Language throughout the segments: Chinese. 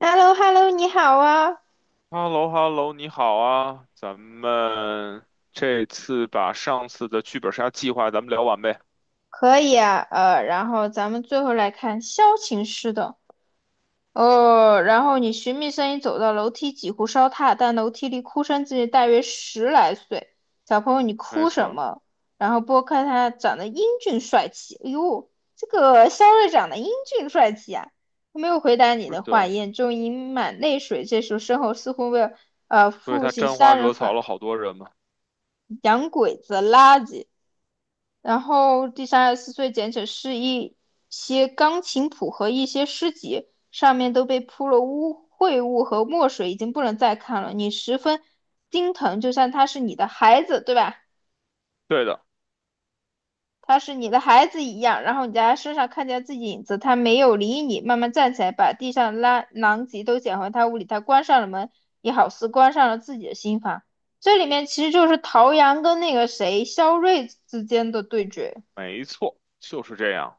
h e l l o h e l l o 你好啊。h e l l o h e l l o 你好啊，咱们这次把上次的剧本杀计划咱们聊完呗。可以啊，然后咱们最后来看萧琴师的。哦，然后你寻觅声音走到楼梯，几乎烧塌，但楼梯里哭声距离大约十来岁。小朋友，你没哭什错，么？然后拨开他长得英俊帅气，哎呦，这个肖瑞长得英俊帅气啊！他没有回答你是的话，的，眼中盈满泪水。这时候身后似乎为所以父他亲沾花杀人惹草犯、了好多人嘛。洋鬼子、垃圾。然后第三十四岁简史是一些钢琴谱和一些诗集，上面都被铺了污秽物和墨水，已经不能再看了。你十分心疼，就像他是你的孩子，对吧？对的，他是你的孩子一样。然后你在他身上看见自己影子，他没有理你，慢慢站起来，把地上拉狼藉都捡回他屋里。他关上了门，也好似关上了自己的心房。这里面其实就是陶阳跟那个谁肖瑞之间的对决。没错，就是这样。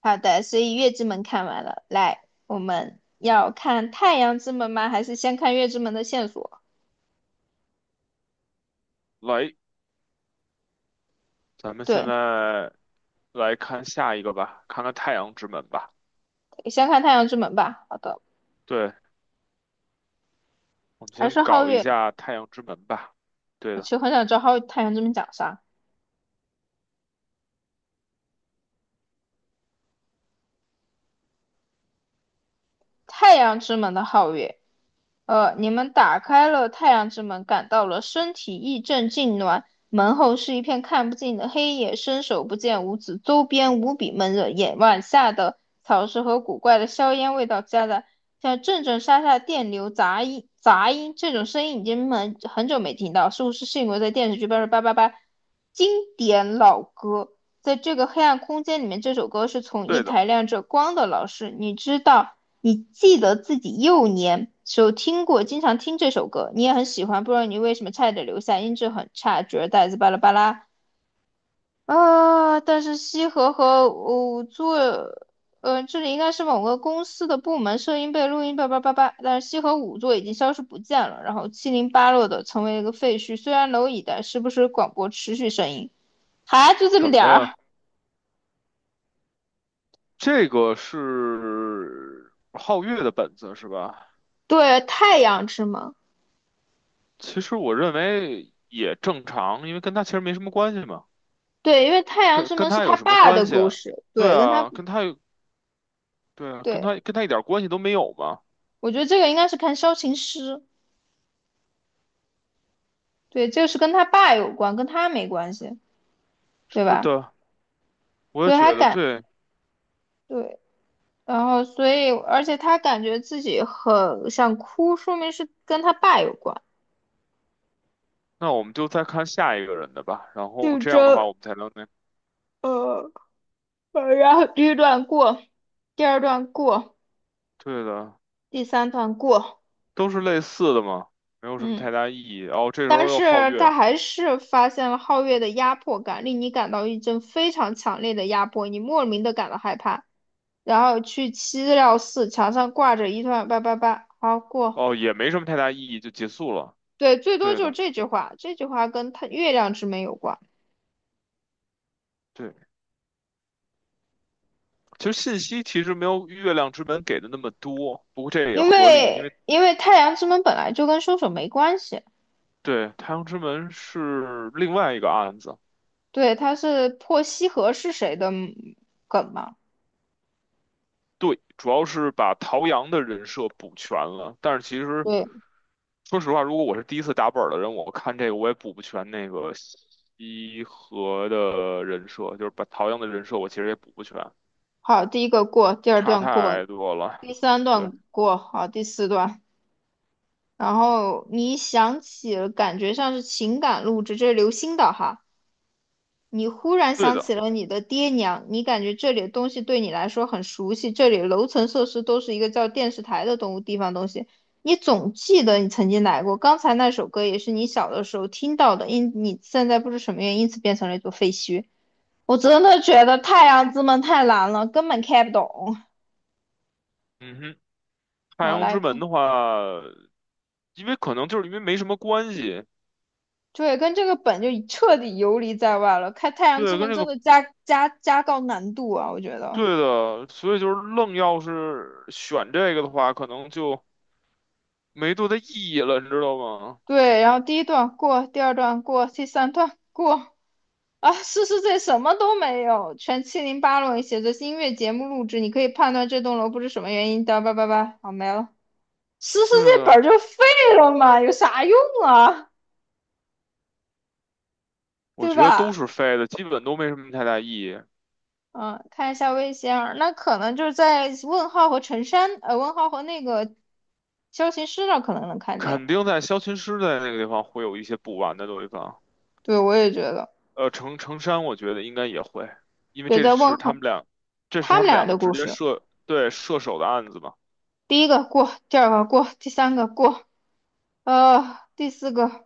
好的，所以月之门看完了，来，我们要看太阳之门吗？还是先看月之门的线索？来，咱们现对，在来看下一个吧，看看太阳之门吧。先看太阳之门吧。好的，对，我们还先是皓搞一月。下太阳之门吧。对我其的，实很想知道皓太阳之门讲啥。太阳之门的皓月，你们打开了太阳之门，感到了身体一阵痉挛。门后是一片看不尽的黑夜，伸手不见五指，周边无比闷热，眼晚下的草湿和古怪的硝烟味道夹杂，像阵阵沙沙电流杂音。杂音这种声音已经很久没听到，似乎是幸亏在电视剧《八八八八》经典老歌。在这个黑暗空间里面，这首歌是从一对的，台亮着光的老师，你知道，你记得自己幼年时候听过，经常听这首歌，你也很喜欢，不知道你为什么差点留下，音质很差，觉得带子巴拉巴拉啊。但是西河和五座，做这里应该是某个公司的部门，声音被录音叭叭叭叭，但是西河五座已经消失不见了，然后七零八落的成为一个废墟，虽然蝼蚁的时不时广播持续声音，还就这什么点么呀？儿。这个是皓月的本子是吧？对，太阳之门。其实我认为也正常，因为跟他其实没什么关系嘛，对，因为太阳跟之跟门是他他有什么爸关的系故啊？事，对对，跟他，啊，跟他有，对啊，跟对，他跟他一点关系都没有嘛。我觉得这个应该是看萧琴师，对，这个是跟他爸有关，跟他没关系，对是吧？的，我也所以他觉得感，对。对，然后所以，而且他感觉自己很想哭，说明是跟他爸有关，那我们就再看下一个人的吧，然后就这样的话这，我们才能那，呃，然后第一段过，第二段过，对的，第三段过，都是类似的嘛，没有什么嗯。太大意义。哦，这时候但又皓是他月，还是发现了皓月的压迫感，令你感到一阵非常强烈的压迫，你莫名的感到害怕。然后去七料寺，墙上挂着一段八八八，好过。哦，也没什么太大意义，就结束了。对，最多对就是的，这句话，这句话跟他月亮之门有关，对。其实信息其实没有月亮之门给的那么多，不过这也因合理，因为为因为太阳之门本来就跟凶手没关系，对，《太阳之门》是另外一个案子，对，它是破西河是谁的梗嘛？对，主要是把陶阳的人设补全了。但是其实，对，说实话，如果我是第一次打本儿的人，我看这个我也补不全那个西河的人设，就是把陶阳的人设我其实也补不全，好，第一个过，第二差段过，太多了。第三对，段过，好，第四段。然后你一想起了，感觉像是情感录制，这是刘星的哈。你忽然对想起的，了你的爹娘，你感觉这里的东西对你来说很熟悉，这里的楼层设施都是一个叫电视台的东地方东西。你总记得你曾经来过，刚才那首歌也是你小的时候听到的，因你现在不知什么原因，因此变成了一座废墟。我真的觉得《太阳之门》太难了，根本看不懂。嗯哼，《太然后阳来之门》看。的话，因为可能就是因为没什么关系，对，跟这个本就彻底游离在外了。开太阳之对，跟门这真个的加高难度啊，我觉得。对的，所以就是愣要是选这个的话，可能就。没多大意义了，你知道吗？对，然后第一段过，第二段过，第三段过啊，诗诗这什么都没有，全七零八落，写着音乐节目录制，你可以判断这栋楼不知什么原因的，叭叭叭，好没了。诗诗对这的，本儿就废了嘛，有啥用啊？我对觉得都吧？是废的，基本都没什么太大意义。嗯，看一下魏仙儿，那可能就是在问号和陈山，问号和那个萧琴师那儿可能能看见。肯定在消琴师在那个地方会有一些补完的地方，对，我也觉得，程山我觉得应该也会，因为也这在问是他候们俩，这是他他们们俩两个的直故接事。射，对，射手的案子吧？第一个过，第二个过，第三个过，第四个，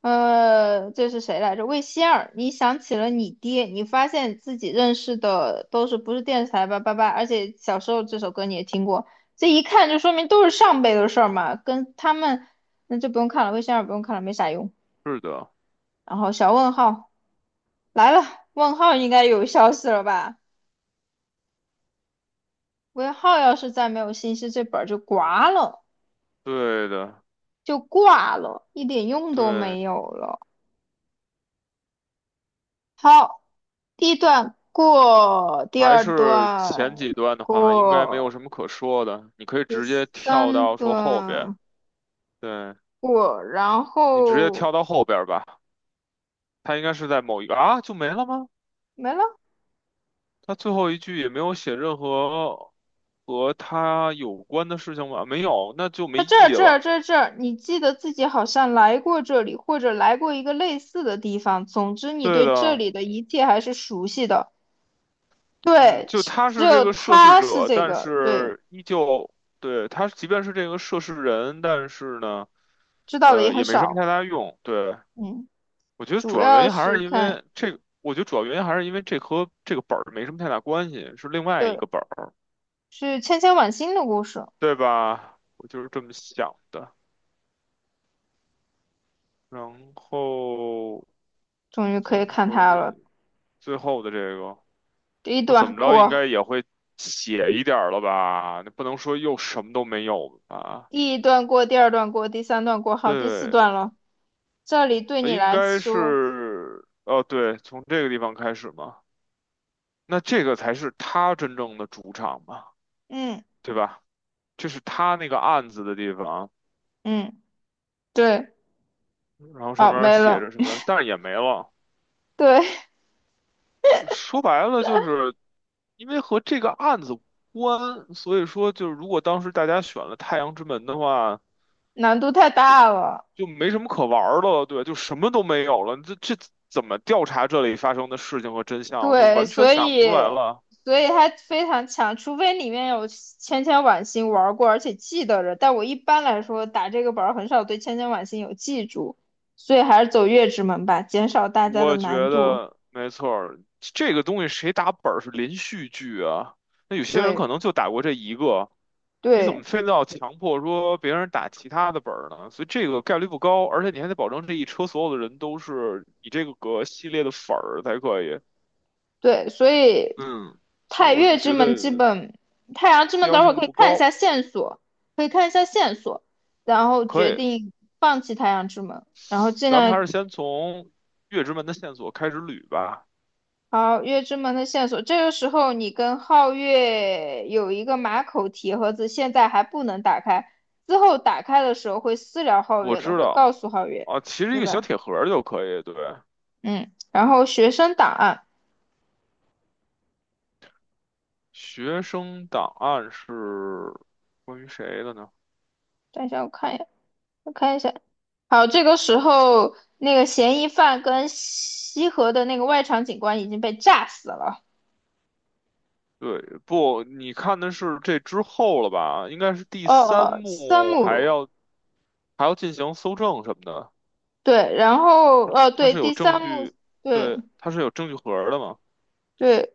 这是谁来着？魏仙儿，你想起了你爹，你发现自己认识的都是不是电视台吧，八八，而且小时候这首歌你也听过，这一看就说明都是上辈的事儿嘛，跟他们那就不用看了，魏仙儿不用看了，没啥用。是的，然后小问号来了，问号应该有消息了吧？问号要是再没有信息，这本儿就挂了。对的，就挂了，一点用都对，没有了。好，第一段过，第还二是前段几段的话，应该没有过，什么可说的，你可以第直接跳三到说后边，段对，过，然你直接后跳到后边吧，他应该是在某一个啊，就没了吗？没了。他最后一句也没有写任何和他有关的事情吧？没有，那就没它意这儿义这儿了。这儿这儿，你记得自己好像来过这里，或者来过一个类似的地方。总之，你对对这的，里的一切还是熟悉的。嗯，对，就只他只是这有个涉事他是者，这但个，对，是依旧，对，他即便是这个涉事人，但是呢，知道的也很也没什么少。太大用。对，嗯，主要是看。我觉得主要原因还是因为这和这个本儿没什么太大关系，是另外一对。个本儿，是千千晚星的故事，对吧？我就是这么想的。然后终于可以咱们看可它了。以最后的这个。第一我怎段么着应过，该也会写一点儿了吧？那不能说又什么都没有吧？第一段过第二段过，第三段过，好，第四对，段了。这里对你应来该说，是，哦，对，从这个地方开始嘛。那这个才是他真正的主场嘛，嗯对吧？这是他那个案子的地方，嗯，对，然后上好面儿没写了，着什么，但是也没了。对，说白了，就是因为和这个案子无关，所以说就是如果当时大家选了《太阳之门》的话。难度太大了，就没什么可玩儿的了，对，就什么都没有了。这怎么调查这里发生的事情和真相，就对，完全所想以不出来了。所以它非常强，除非里面有千千晚星玩过，而且记得着。但我一般来说打这个本儿很少对千千晚星有记住，所以还是走月之门吧，减少大家的我觉难度。得没错儿，这个东西谁打本儿是连续剧啊？那有些人可对能就打过这一个，你怎么对。非得要强迫说别人打其他的本儿呢？所以这个概率不高，而且你还得保证这一车所有的人都是你这个系列的粉儿才可以。对，所以嗯，所以太我就岳之觉门基得本，太阳之必门要等会儿性可以不看一下高，线索，可以看一下线索，然后可决以。定放弃太阳之门，然后尽咱们还量是先从月之门的线索开始捋吧。好月之门的线索。这个时候你跟皓月有一个马口铁盒子，现在还不能打开，之后打开的时候会私聊皓我月的，知会道告诉皓月，啊，其实一对个小吧？铁盒儿就可以。对，嗯，然后学生档案，学生档案是关于谁的呢？等一下我看一下，我看一下，好，这个时候那个嫌疑犯跟西河的那个外场警官已经被炸死了。对，不，你看的是这之后了吧？应该是第三哦，三幕，还幕，要还要进行搜证什么的。对，然后它对，是有第证三幕，据，对对，它是有证据盒儿的嘛？对,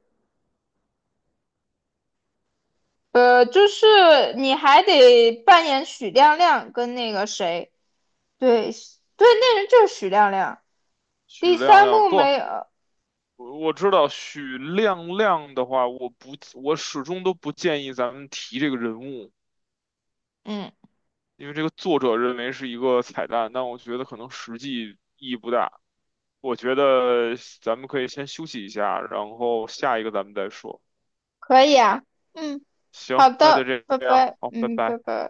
就是你还得扮演许亮亮跟那个谁，对对,那人就是许亮亮。许第亮三亮幕没不，有，我知道许亮亮的话，我不，我始终都不建议咱们提这个人物。嗯，因为这个作者认为是一个彩蛋，但我觉得可能实际意义不大。我觉得咱们可以先休息一下，然后下一个咱们再说。可以啊，嗯，行，好那就的，这拜样，拜，好，拜嗯，拜拜。拜。